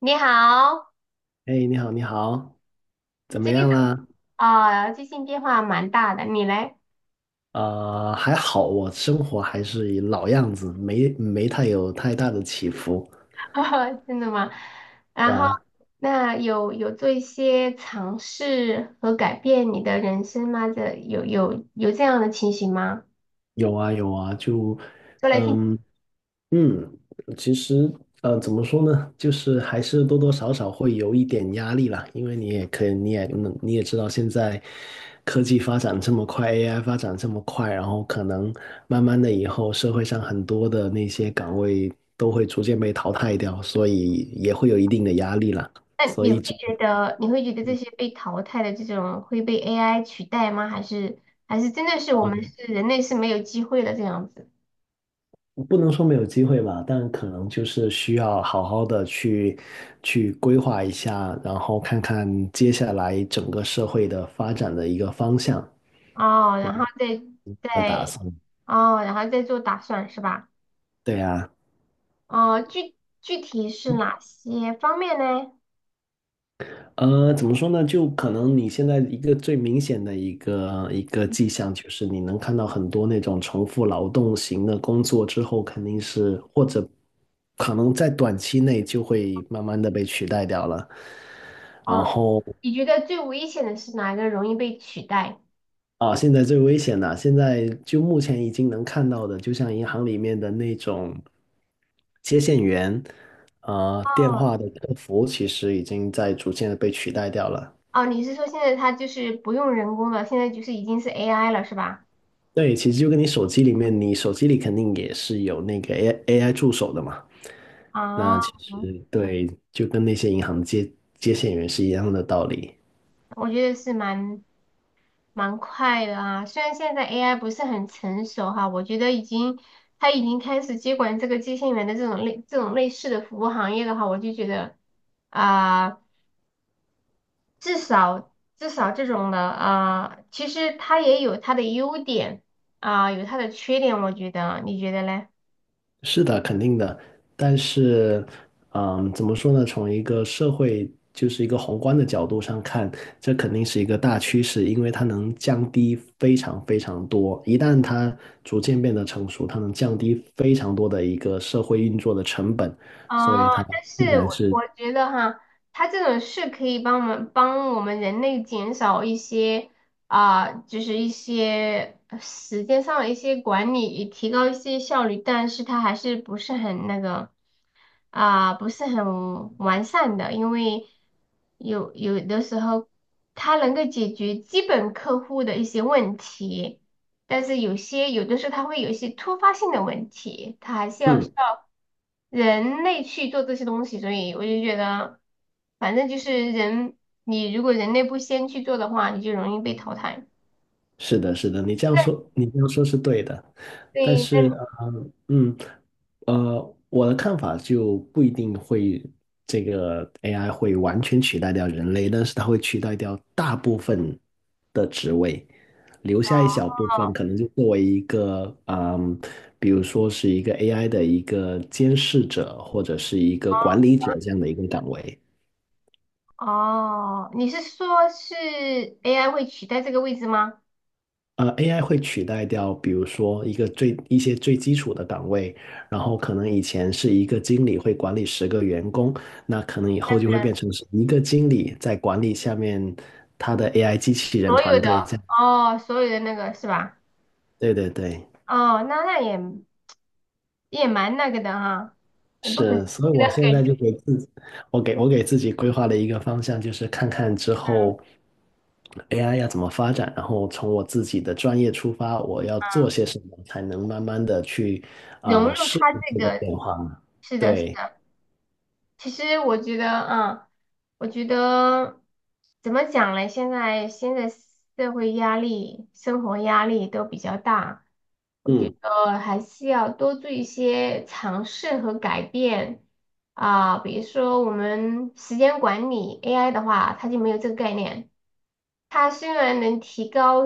你好。哎，你好，你好，怎么这个是样啦？啊，最近变化蛮大的，你嘞？还好，我生活还是以老样子，没太有太大的起伏，真的吗？是然后，啊，那有做一些尝试和改变你的人生吗？这有这样的情形吗？有啊有啊，就，说来听。嗯，嗯，其实怎么说呢，就是还是多多少少会有一点压力啦，因为你也可以，你也你也知道现在科技发展这么快，AI 发展这么快，然后可能慢慢的以后社会上很多的那些岗位都会逐渐被淘汰掉，所以也会有一定的压力啦，那所你以会只能。觉得你会觉得这嗯些被淘汰的这种会被 AI 取代吗？还是真的是我们是人类是没有机会的这样子？不能说没有机会吧，但可能就是需要好好的去规划一下，然后看看接下来整个社会的发展的一个方向哦，然后再的再打算。哦，然后再做打算是吧？对啊，哦，具体是哪些方面呢？怎么说呢？就可能你现在一个最明显的一个迹象，就是你能看到很多那种重复劳动型的工作之后，肯定是或者可能在短期内就会慢慢的被取代掉了。然哦，后你觉得最危险的是哪个容易被取代？啊，现在最危险的，现在就目前已经能看到的，就像银行里面的那种接线员，电哦，话的客服，其实已经在逐渐的被取代掉了。哦，你是说现在它就是不用人工了，现在就是已经是 AI 了，是吧？对，其实就跟你手机里面，你手机里肯定也是有那个 AI 助手的嘛。那啊，其实对，就跟那些银行接线员是一样的道理。我觉得是蛮快的啊。虽然现在 AI 不是很成熟哈，我觉得它已经开始接管这个接线员的这种类似的服务行业的话，我就觉得，啊、至少至少这种的，其实它也有它的优点，有它的缺点，我觉得，你觉得嘞？是的，肯定的。但是，怎么说呢？从一个社会，就是一个宏观的角度上看，这肯定是一个大趋势，因为它能降低非常非常多。一旦它逐渐变得成熟，它能降低非常多的一个社会运作的成本，所以哦，它但必是然我是，我觉得哈，它这种是可以帮我们人类减少一些，就是一些时间上的一些管理，也提高一些效率，但是它还是不是很那个，不是很完善的。因为有的时候它能够解决基本客户的一些问题，但是有的时候它会有一些突发性的问题，它还是需嗯。要人类去做这些东西，所以我就觉得，反正就是人，你如果人类不先去做的话，你就容易被淘汰。是的，是的，你这样说是对的，但对。是，那呃，嗯，我的看法就不一定会这个 AI 会完全取代掉人类，但是它会取代掉大部分的职位，留下一小部分，可哦，能就作为一个，比如说是一个 AI 的一个监视者或者是一个管理哦，者这样的一个岗位。哦，你是说是 AI 会取代这个位置吗？AI 会取代掉，比如说一些最基础的岗位，然后可能以前是一个经理会管理10个员工，那可能以后就会变成是一个经理在管理下面他的 AI 机器人所团有的队这样。哦，所有的那个是吧？对对对，哦，那也蛮那个的哈，也不可思是，所以议的我现感在觉就给自己，我给自己规划了一个方向，就是看看之后 AI 要怎么发展，然后从我自己的专业出发，我要做啊，些什么，才能慢慢的去融入适它应这这个个，变化呢？是的，是对，的。其实我觉得，我觉得怎么讲嘞？现在社会压力、生活压力都比较大，嗯，还是要多做一些尝试和改变啊，比如说我们时间管理 AI 的话，它就没有这个概念。它虽然能提高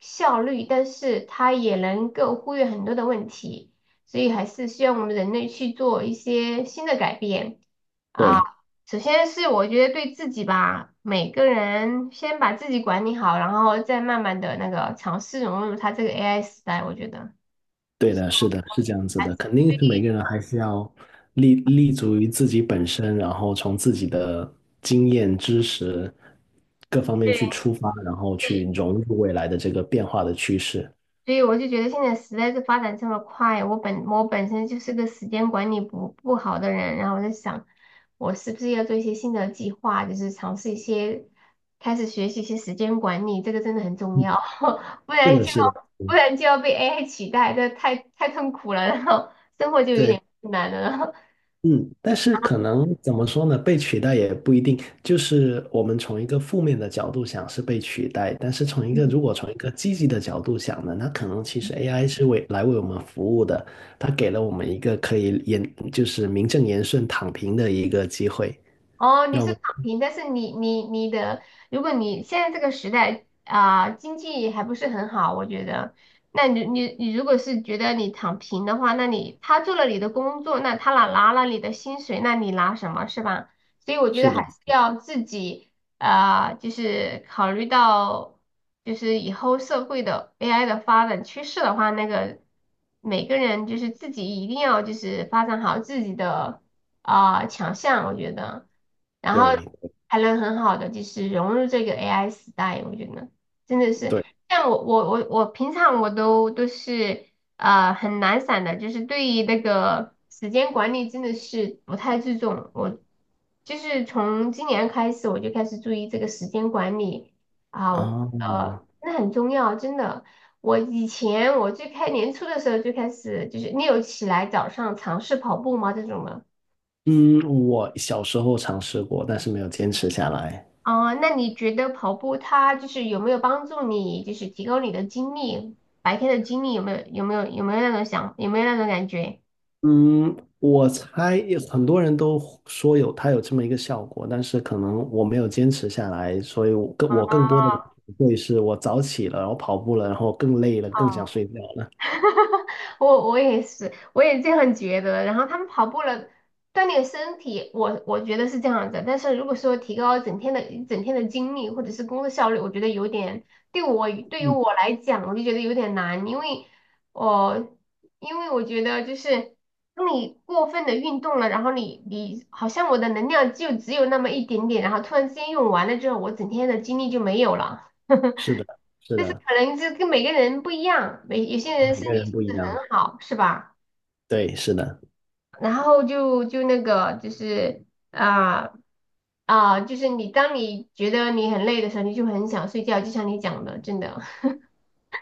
效率，但是它也能够忽略很多的问题，所以还是需要我们人类去做一些新的改变啊。对，首先是我觉得对自己吧，每个人先把自己管理好，然后再慢慢的那个尝试融入它这个 AI 时代，我觉得比对较的，是的，是这样子还的，是肯定对，是每个人还是要立足于自己本身，然后从自己的经验、知识各方面去出发，然后去对。融入未来的这个变化的趋势。所以我就觉得现在时代是发展这么快，我本身就是个时间管理不好的人，然后我在想，我是不是要做一些新的计划，就是尝试一些，开始学习一些时间管理，这个真的很重嗯，要。不是然的，就是的，要不嗯，然就要被 AI 取代，这太痛苦了，然后生活就有对，点困难了。嗯，但是可能怎么说呢？被取代也不一定，就是我们从一个负面的角度想是被取代，但是从一个如果从一个积极的角度想呢，那可能其实 AI 是为我们服务的，它给了我们一个可以言就是名正言顺躺平的一个机会，哦，你让我是躺们平，但是你的，如果你现在这个时代，经济还不是很好，我觉得，那你如果是觉得你躺平的话，那你他做了你的工作，那他拿了你的薪水，那你拿什么是吧？所以我觉得是的，还是要自己，就是考虑到就是以后社会的 AI 的发展趋势的话，那个每个人就是自己一定要就是发展好自己的，强项，我觉得。然后对还能很好的就是融入这个 AI 时代，我觉得真的是对像我平常我都是很懒散的，就是对于那个时间管理真的是不太注重。我就是从今年开始我就开始注意这个时间管理啊，啊，真的很重要，真的。我以前我最开年初的时候就开始，就是你有起来早上尝试跑步吗？这种的。嗯，我小时候尝试过，但是没有坚持下来。哦，那你觉得跑步它就是有没有帮助你，就是提高你的精力，白天的精力有没有那种感觉？嗯，我猜有很多人都说有它有这么一个效果，但是可能我没有坚持下来，所以我更多的哦。会是我早起了，然后跑步了，然后更累了，更想睡觉了。我也是，我也这样觉得。然后他们跑步了，锻炼身体，我觉得是这样子。但是如果说提高整天的一整天的精力或者是工作效率，我觉得有点，对于嗯，我来讲，我就觉得有点难。因为我我觉得就是当你过分的运动了，然后你好像我的能量就只有那么一点点，然后突然之间用完了之后，我整天的精力就没有了。是的，是的，可能这跟每个人不一样，有些人每身个体人素不一质样。很好，是吧？对，是的，然后那个就是，啊就是你当你觉得你很累的时候，你就很想睡觉，就像你讲的，真的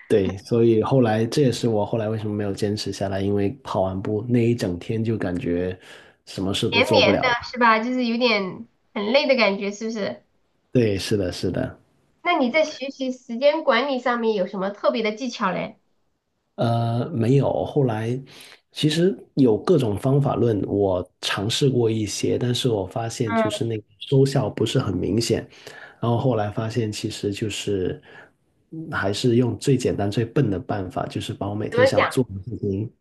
对，所以后来这也是我后来为什么没有坚持下来，因为跑完步那一整天就感觉什么事都绵做不绵 了的了。是吧？就是有点很累的感觉，是不是？对，是的，是的。那你在学习时间管理上面有什么特别的技巧嘞？没有。后来其实有各种方法论，我尝试过一些，但是我发现就嗯，是那个收效不是很明显。然后后来发现，其实就是还是用最简单、最笨的办法，就是把我每怎么天想讲？做的事情，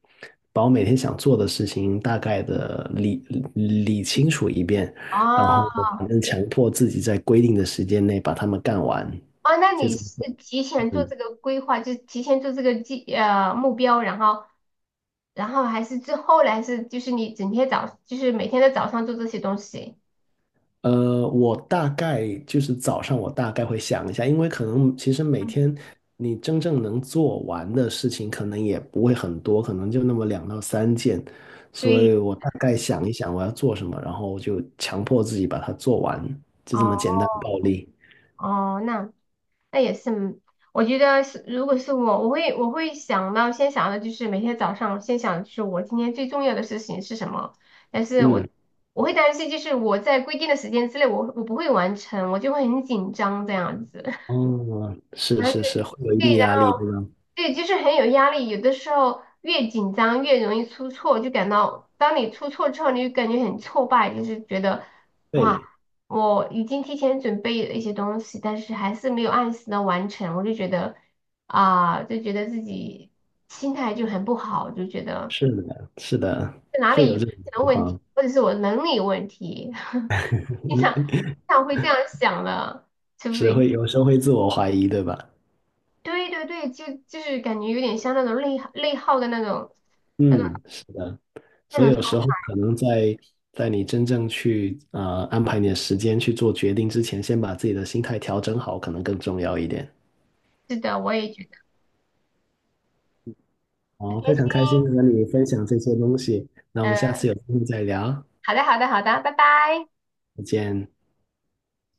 把我每天想做的事情大概的理清楚一遍，然后哦，反正强迫自己在规定的时间内把它们干完，哦，那就你这么是做。提前做这个规划，就是提前做这个目标，然后还是之后来是就是你整天早就是每天的早上做这些东西。我大概就是早上，我大概会想一下，因为可能其实每嗯，天你真正能做完的事情，可能也不会很多，可能就那么两到三件，所对，以我大概想一想我要做什么，然后就强迫自己把它做完，就这么哦，简单暴力。哦，那也是。我觉得是，如果是我，我会想到先想的就是每天早上先想就是我今天最重要的事情是什么，但是我嗯，我会担心就是我在规定的时间之内我不会完成，我就会很紧张这样子。哦，是是是，会有 一定对。然压力，对后吗？对，就是很有压力。有的时候越紧张越容易出错，就感到当你出错之后，你就感觉很挫败，就是觉得哇，对，我已经提前准备了一些东西，但是还是没有按时的完成，我就觉得，就觉得自己心态就很不好，就觉得是的，是的，是哪会里有有出这种情现了问题，况，或者是我能力有问题。经常会这样想的，除是非。会有时候会自我怀疑，对吧？对，对，对，就是感觉有点像那种内耗的那种嗯，是的。所以那种。有时候可能在你真正去安排你的时间去做决定之前，先把自己的心态调整好，可能更重要一点。是的，我也觉得很好，开非心。常开心地跟你分享这些东西，那我们下嗯，次有机会再聊，好的，好的，好的，拜拜。再见。